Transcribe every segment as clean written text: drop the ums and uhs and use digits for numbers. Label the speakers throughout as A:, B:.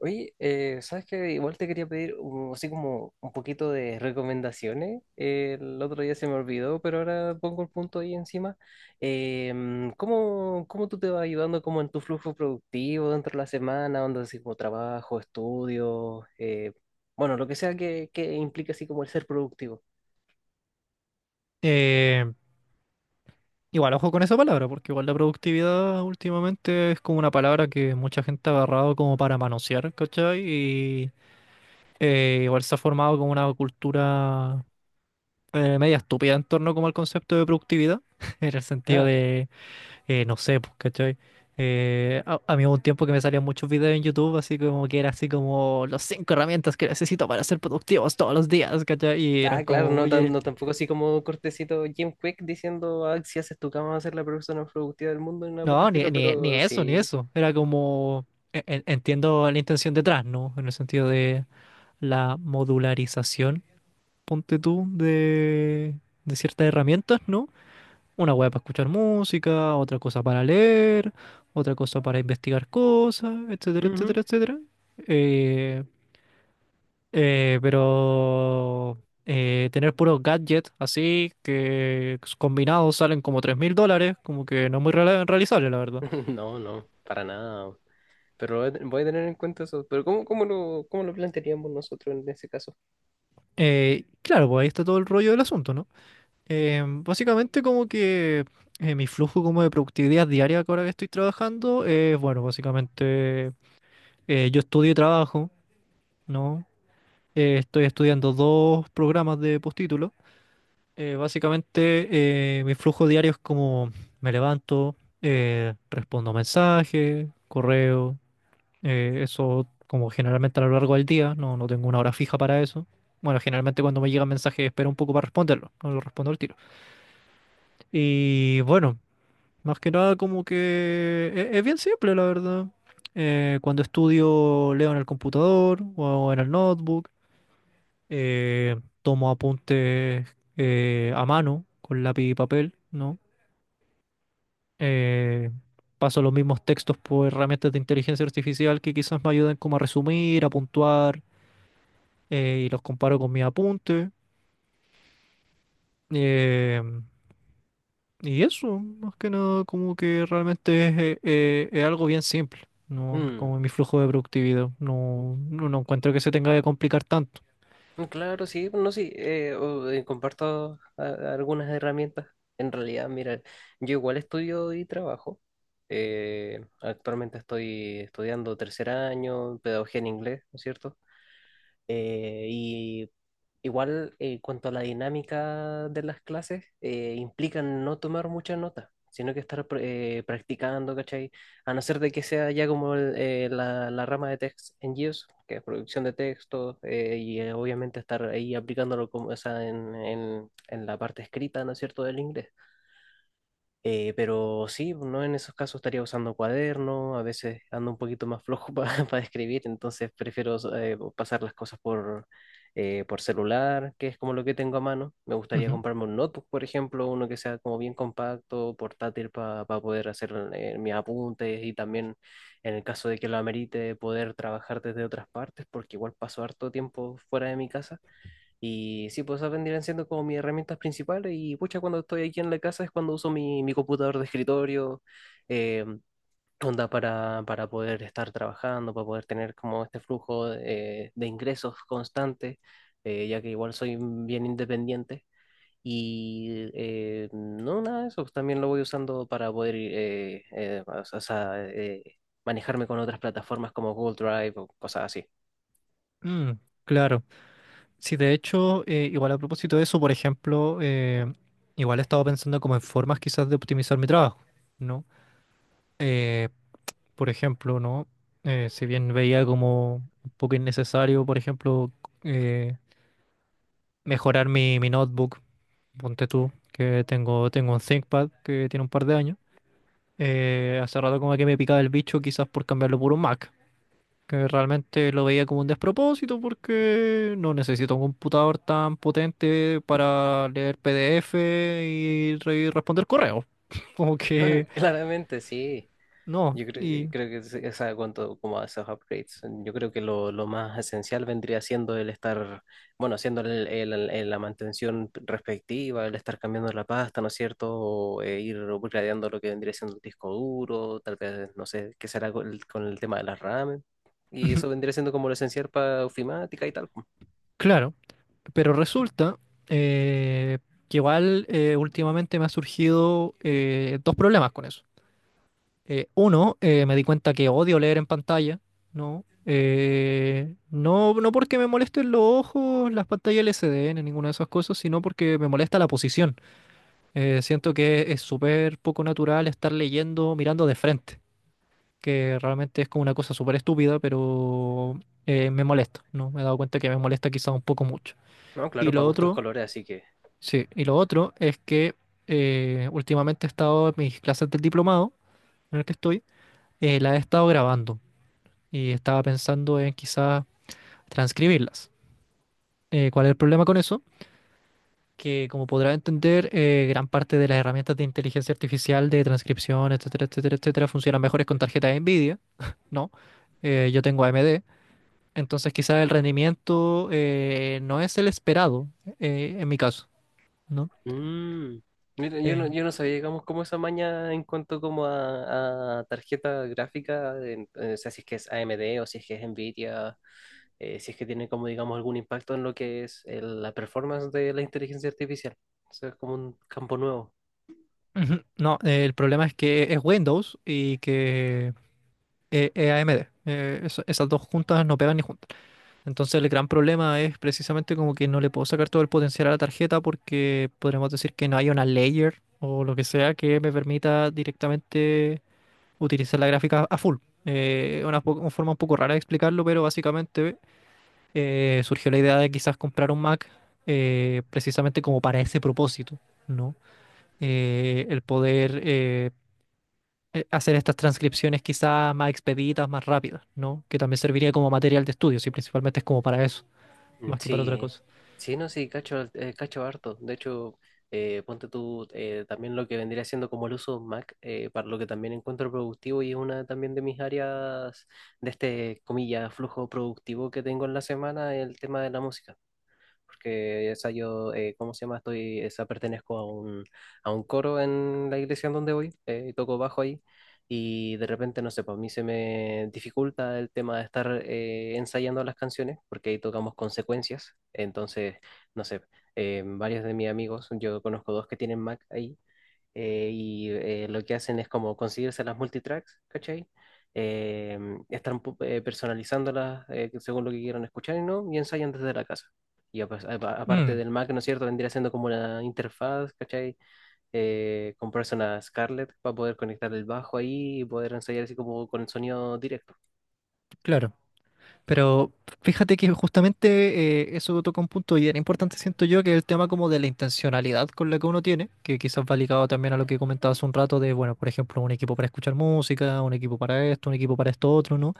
A: Oye, ¿sabes qué? Igual te quería pedir así como un poquito de recomendaciones. El otro día se me olvidó, pero ahora pongo el punto ahí encima. ¿Cómo tú te vas ayudando como en tu flujo productivo dentro de la semana, donde así como trabajo, estudio, bueno, lo que sea que implique así como el ser productivo?
B: Eh, igual, ojo con esa palabra, porque igual la productividad últimamente es como una palabra que mucha gente ha agarrado como para manosear, ¿cachai? Y igual se ha formado como una cultura media estúpida en torno como al concepto de productividad, en el sentido de, no sé, pues, ¿cachai? A mí hubo un tiempo que me salían muchos videos en YouTube, así como que era así como las 5 herramientas que necesito para ser productivos todos los días, ¿cachai? Y eran
A: Ah, claro,
B: como,
A: no,
B: oye,
A: no tampoco así como cortecito Jim Quick diciendo, ah, si haces tu cama vas a ser la persona más productiva del mundo, ni nada por el
B: no, ni,
A: estilo,
B: ni, ni
A: pero
B: eso, ni
A: sí.
B: eso. Era como, entiendo la intención detrás, ¿no? En el sentido de la modularización, ponte tú, de ciertas herramientas, ¿no? Una web para escuchar música, otra cosa para leer, otra cosa para investigar cosas, etcétera, etcétera, etcétera. Eh, eh, pero Tener puros gadgets así, que combinados salen como $3.000, como que no es muy realizable, la verdad.
A: No, no, para nada. Pero voy a voy a tener en cuenta eso. Pero ¿cómo lo plantearíamos nosotros en ese caso?
B: Claro, pues ahí está todo el rollo del asunto, ¿no? Básicamente como que mi flujo como de productividad diaria que ahora que estoy trabajando es, bueno, básicamente yo estudio y trabajo, ¿no? Estoy estudiando dos programas de postítulo. Básicamente Mi flujo diario es como me levanto, respondo mensajes, correo. Eso como generalmente a lo largo del día, no, no tengo una hora fija para eso. Bueno, generalmente cuando me llega un mensaje espero un poco para responderlo, no lo respondo al tiro. Y bueno, más que nada como que es, bien simple, la verdad. Cuando estudio, leo en el computador o en el notebook, eh, tomo apuntes a mano con lápiz y papel, ¿no? Eh, paso los mismos textos por herramientas de inteligencia artificial que quizás me ayuden como a resumir, a puntuar y los comparo con mis apuntes. eh, y eso, más que nada, como que realmente es algo bien simple, ¿no?
A: Mm,
B: Como mi flujo de productividad.
A: mm,
B: No encuentro que se tenga que complicar tanto.
A: claro, sí, bueno, no, sí, comparto algunas herramientas. En realidad, mira, yo igual estudio y trabajo. Actualmente estoy estudiando tercer año, pedagogía en inglés, ¿no es cierto? Y igual, en cuanto a la dinámica de las clases, implican no tomar muchas notas, sino que estar practicando, ¿cachai? A no ser de que sea ya como la rama de text en GIS, que es producción de textos, obviamente estar ahí aplicándolo como, o sea, en la parte escrita, ¿no es cierto?, del inglés. Pero sí, no en esos casos estaría usando cuaderno, a veces ando un poquito más flojo para escribir, entonces prefiero pasar las cosas por celular, que es como lo que tengo a mano. Me gustaría
B: Ujú.
A: comprarme un notebook, por ejemplo, uno que sea como bien compacto, portátil para poder hacer mis apuntes y también en el caso de que lo amerite poder trabajar desde otras partes, porque igual paso harto tiempo fuera de mi casa. Y sí, pues esas vendrían siendo como mis herramientas principales y pucha, cuando estoy aquí en la casa es cuando uso mi computador de escritorio, eh, onda para poder estar trabajando, para poder tener como este flujo de ingresos constante, ya que igual soy bien independiente. Y no, nada de eso, pues, también lo voy usando para poder o sea, manejarme con otras plataformas como Google Drive o cosas así.
B: Mm, claro. Sí, de hecho, igual a propósito de eso, por ejemplo, igual he estado pensando como en formas quizás de optimizar mi trabajo, ¿no? Eh, por ejemplo, ¿no? Si bien veía como un poco innecesario, por ejemplo, eh, mejorar mi notebook, ponte tú, que tengo, tengo un ThinkPad que tiene un par de años. Hace rato como que me picaba el bicho quizás por cambiarlo por un Mac, que realmente lo veía como un despropósito porque no necesito un computador tan potente para leer PDF y, responder correos. Como que
A: Claramente, sí.
B: no,
A: Yo creo,
B: y
A: creo que esa cuanto como a esos upgrades, yo creo que lo más esencial vendría siendo el estar, bueno, haciendo la mantención respectiva, el estar cambiando la pasta, ¿no es cierto? O ir upgradeando lo que vendría siendo el disco duro, tal vez, no sé, qué será con el tema de las RAM. Y eso vendría siendo como lo esencial para ofimática y tal.
B: claro, pero resulta eh, que igual últimamente me ha surgido 2 problemas con eso. Uno, me di cuenta que odio leer en pantalla, ¿no? No, no porque me molesten los ojos, las pantallas LCD, ni ninguna de esas cosas, sino porque me molesta la posición. Siento que es súper poco natural estar leyendo mirando de frente, que realmente es como una cosa súper estúpida, pero me molesta, ¿no? Me he dado cuenta que me molesta quizá un poco mucho.
A: ¿No?
B: Y
A: Claro,
B: lo
A: para gustos
B: otro,
A: colores, así que
B: sí, y lo otro es que últimamente he estado en mis clases del diplomado en el que estoy, las he estado grabando. Y estaba pensando en quizás transcribirlas. ¿Cuál es el problema con eso? Que como podrá entender, gran parte de las herramientas de inteligencia artificial, de transcripción, etcétera, etcétera, etcétera, funcionan mejores con tarjeta de NVIDIA, ¿no? Yo tengo AMD, entonces quizás el rendimiento no es el esperado en mi caso, ¿no?
A: mm. Mira, yo no,
B: Eh,
A: yo no sabía, digamos, cómo esa maña en cuanto como a tarjeta gráfica, o sea, si es que es AMD o si es que es Nvidia, si es que tiene como, digamos, algún impacto en lo que es la performance de la inteligencia artificial. O sea, es como un campo nuevo.
B: Ujú, no, el problema es que es Windows y que es AMD. Esas dos juntas no pegan ni juntas. Entonces el gran problema es precisamente como que no le puedo sacar todo el potencial a la tarjeta porque podremos decir que no hay una layer o lo que sea que me permita directamente utilizar la gráfica a full. Una forma un poco rara de explicarlo, pero básicamente surgió la idea de quizás comprar un Mac precisamente como para ese propósito, ¿no? El poder hacer estas transcripciones quizás más expeditas, más rápidas, ¿no? Que también serviría como material de estudio, si principalmente es como para eso,
A: Mm,
B: más que para otra
A: sí,
B: cosa.
A: sí, no, sí, cacho, cacho harto. De hecho, ponte tú también lo que vendría siendo como el uso Mac, para lo que también encuentro productivo y es una también de mis áreas de este, comillas, flujo productivo que tengo en la semana, el tema de la música, porque esa yo, ¿cómo se llama? Estoy, esa pertenezco a un coro en la iglesia en donde voy, toco bajo ahí, y de repente, no sé, para mí se me dificulta el tema de estar ensayando las canciones, porque ahí tocamos consecuencias, entonces, no sé, varios de mis amigos, yo conozco dos que tienen Mac ahí, lo que hacen es como conseguirse las multitracks, ¿cachai? Eh, están personalizándolas según lo que quieran escuchar y no, y ensayan desde la casa. Y aparte
B: Mm,
A: del Mac, ¿no es cierto? Vendría siendo como una interfaz, ¿cachai? Comprarse una Scarlett para poder conectar el bajo ahí y poder ensayar así como con el sonido directo.
B: claro, pero fíjate que justamente eso toca un punto y era importante, siento yo, que es el tema como de la intencionalidad con la que uno tiene, que quizás va ligado también a lo que comentabas hace un rato de, bueno, por ejemplo, un equipo para escuchar música, un equipo para esto, un equipo para esto otro, ¿no?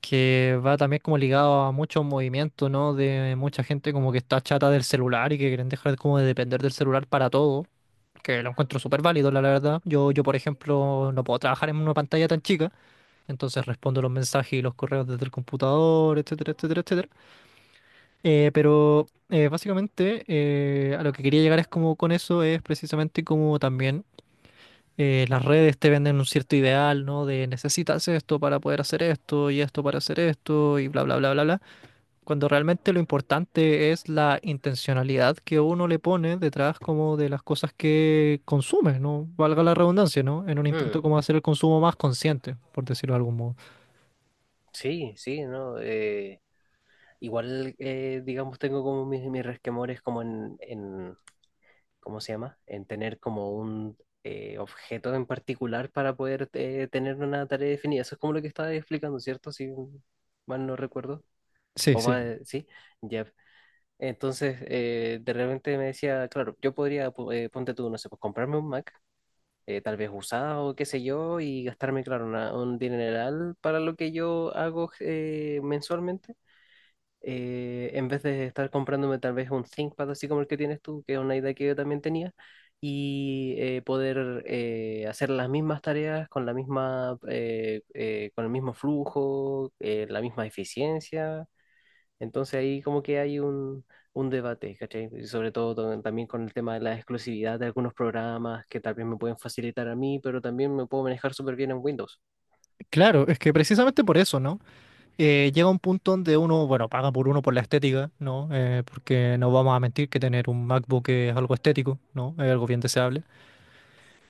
B: Que va también como ligado a muchos movimientos, ¿no? De mucha gente como que está chata del celular y que quieren dejar como de depender del celular para todo, que lo encuentro súper válido, la verdad. Yo, por ejemplo, no puedo trabajar en una pantalla tan chica. Entonces respondo los mensajes y los correos desde el computador, etcétera, etcétera, etcétera. Pero básicamente A lo que quería llegar es como con eso es precisamente como también las redes te venden un cierto ideal, ¿no? De necesitas esto para poder hacer esto y esto para hacer esto y bla, bla, bla, bla, bla. Cuando realmente lo importante es la intencionalidad que uno le pone detrás como de las cosas que consume, ¿no? Valga la redundancia, ¿no? En un intento
A: Mm,
B: como hacer el consumo más consciente, por decirlo de algún modo.
A: sí, sí, ¿no? Igual, digamos, tengo como mis resquemores como en ¿cómo se llama? En tener como un objeto en particular para poder tener una tarea definida. Eso es como lo que estaba explicando, ¿cierto? Si mal no recuerdo.
B: Sí,
A: O va,
B: sí.
A: sí, ya. Entonces, de repente me decía, claro, yo podría, ponte tú, no sé, pues comprarme un Mac, tal vez usado, qué sé yo, y gastarme, claro, un dineral para lo que yo hago mensualmente en vez de estar comprándome tal vez un ThinkPad así como el que tienes tú, que es una idea que yo también tenía, y poder hacer las mismas tareas con la misma, con el mismo flujo, la misma eficiencia. Entonces ahí como que hay un debate, ¿cachai? Y sobre todo también con el tema de la exclusividad de algunos programas que tal vez me pueden facilitar a mí, pero también me puedo manejar súper bien en Windows.
B: Claro, es que precisamente por eso, ¿no? Llega un punto donde uno, bueno, paga por uno por la estética, ¿no? Porque no vamos a mentir que tener un MacBook es algo estético, ¿no? Es algo bien deseable.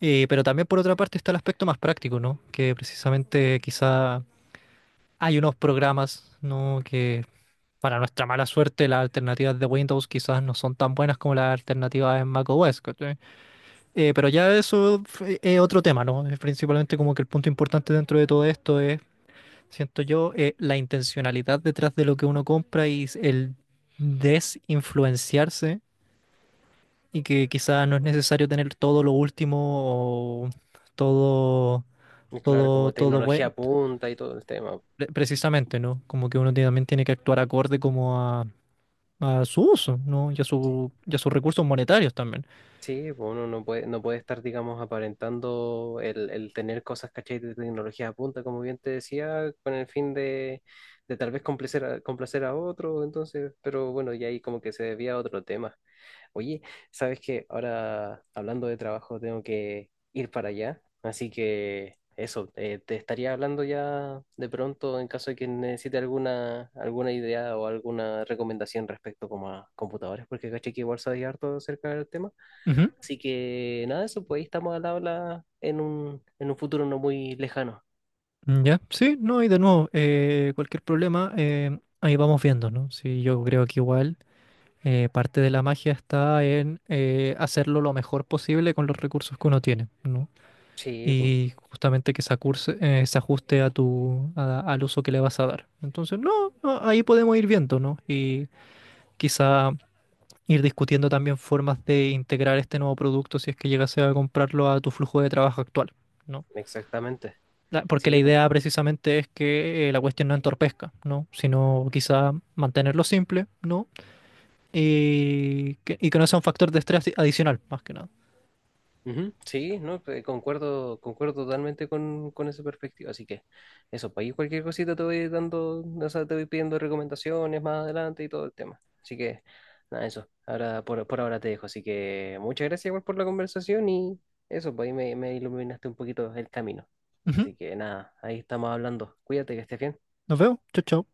B: Pero también por otra parte está el aspecto más práctico, ¿no? Que precisamente quizá hay unos programas, ¿no? Que para nuestra mala suerte las alternativas de Windows quizás no son tan buenas como las alternativas en macOS, ¿cachai? Es otro tema, ¿no? Es principalmente como que el punto importante dentro de todo esto es siento yo la intencionalidad detrás de lo que uno compra y el desinfluenciarse y que quizás no es necesario tener todo lo último o todo,
A: Y claro,
B: todo,
A: como
B: todo bueno,
A: tecnología punta y todo el tema.
B: precisamente, ¿no? Como que uno también tiene que actuar acorde como a su uso, ¿no? Y a su, y a sus recursos monetarios también.
A: Sí, pues uno no puede, no puede estar, digamos, aparentando el tener cosas, ¿cachai? De tecnología a punta, como bien te decía, con el fin de tal vez complacer a, complacer a otro, entonces, pero bueno, ya ahí como que se debía a otro tema. Oye, ¿sabes qué? Ahora, hablando de trabajo, tengo que ir para allá, así que eso, te estaría hablando ya de pronto en caso de que necesite alguna, alguna idea o alguna recomendación respecto como a computadores, porque caché que igual sabes harto acerca del tema.
B: Ujú.
A: Así que nada, eso, pues ahí estamos al habla en un futuro no muy lejano.
B: Mm, ya, sí, no, y de nuevo, cualquier problema, ahí vamos viendo, ¿no? Sí, yo creo que igual. Parte de la magia está en hacerlo lo mejor posible con los recursos que uno tiene, ¿no?
A: Sí, pues,
B: Y justamente que se, se ajuste a tu, al uso que le vas a dar. Entonces, no, no, ahí podemos ir viendo, ¿no? Y quizá ir discutiendo también formas de integrar este nuevo producto si es que llegase a comprarlo a tu flujo de trabajo actual, ¿no?
A: exactamente.
B: Porque la
A: Sí, pues.
B: idea precisamente es que la cuestión no entorpezca, ¿no? Sino quizá mantenerlo simple, ¿no? Y que, y que no sea un factor de estrés adicional, más que nada.
A: Ujú, sí, no, pues, concuerdo, concuerdo totalmente con esa perspectiva. Así que eso, pues ahí cualquier cosita te voy dando, o sea, te voy pidiendo recomendaciones más adelante y todo el tema. Así que nada, eso. Ahora, por ahora te dejo. Así que muchas gracias igual por la conversación y eso, pues ahí me, me iluminaste un poquito el camino.
B: Ujú,
A: Así que nada, ahí estamos hablando. Cuídate, que estés bien.
B: nos vemos. Chau, chau.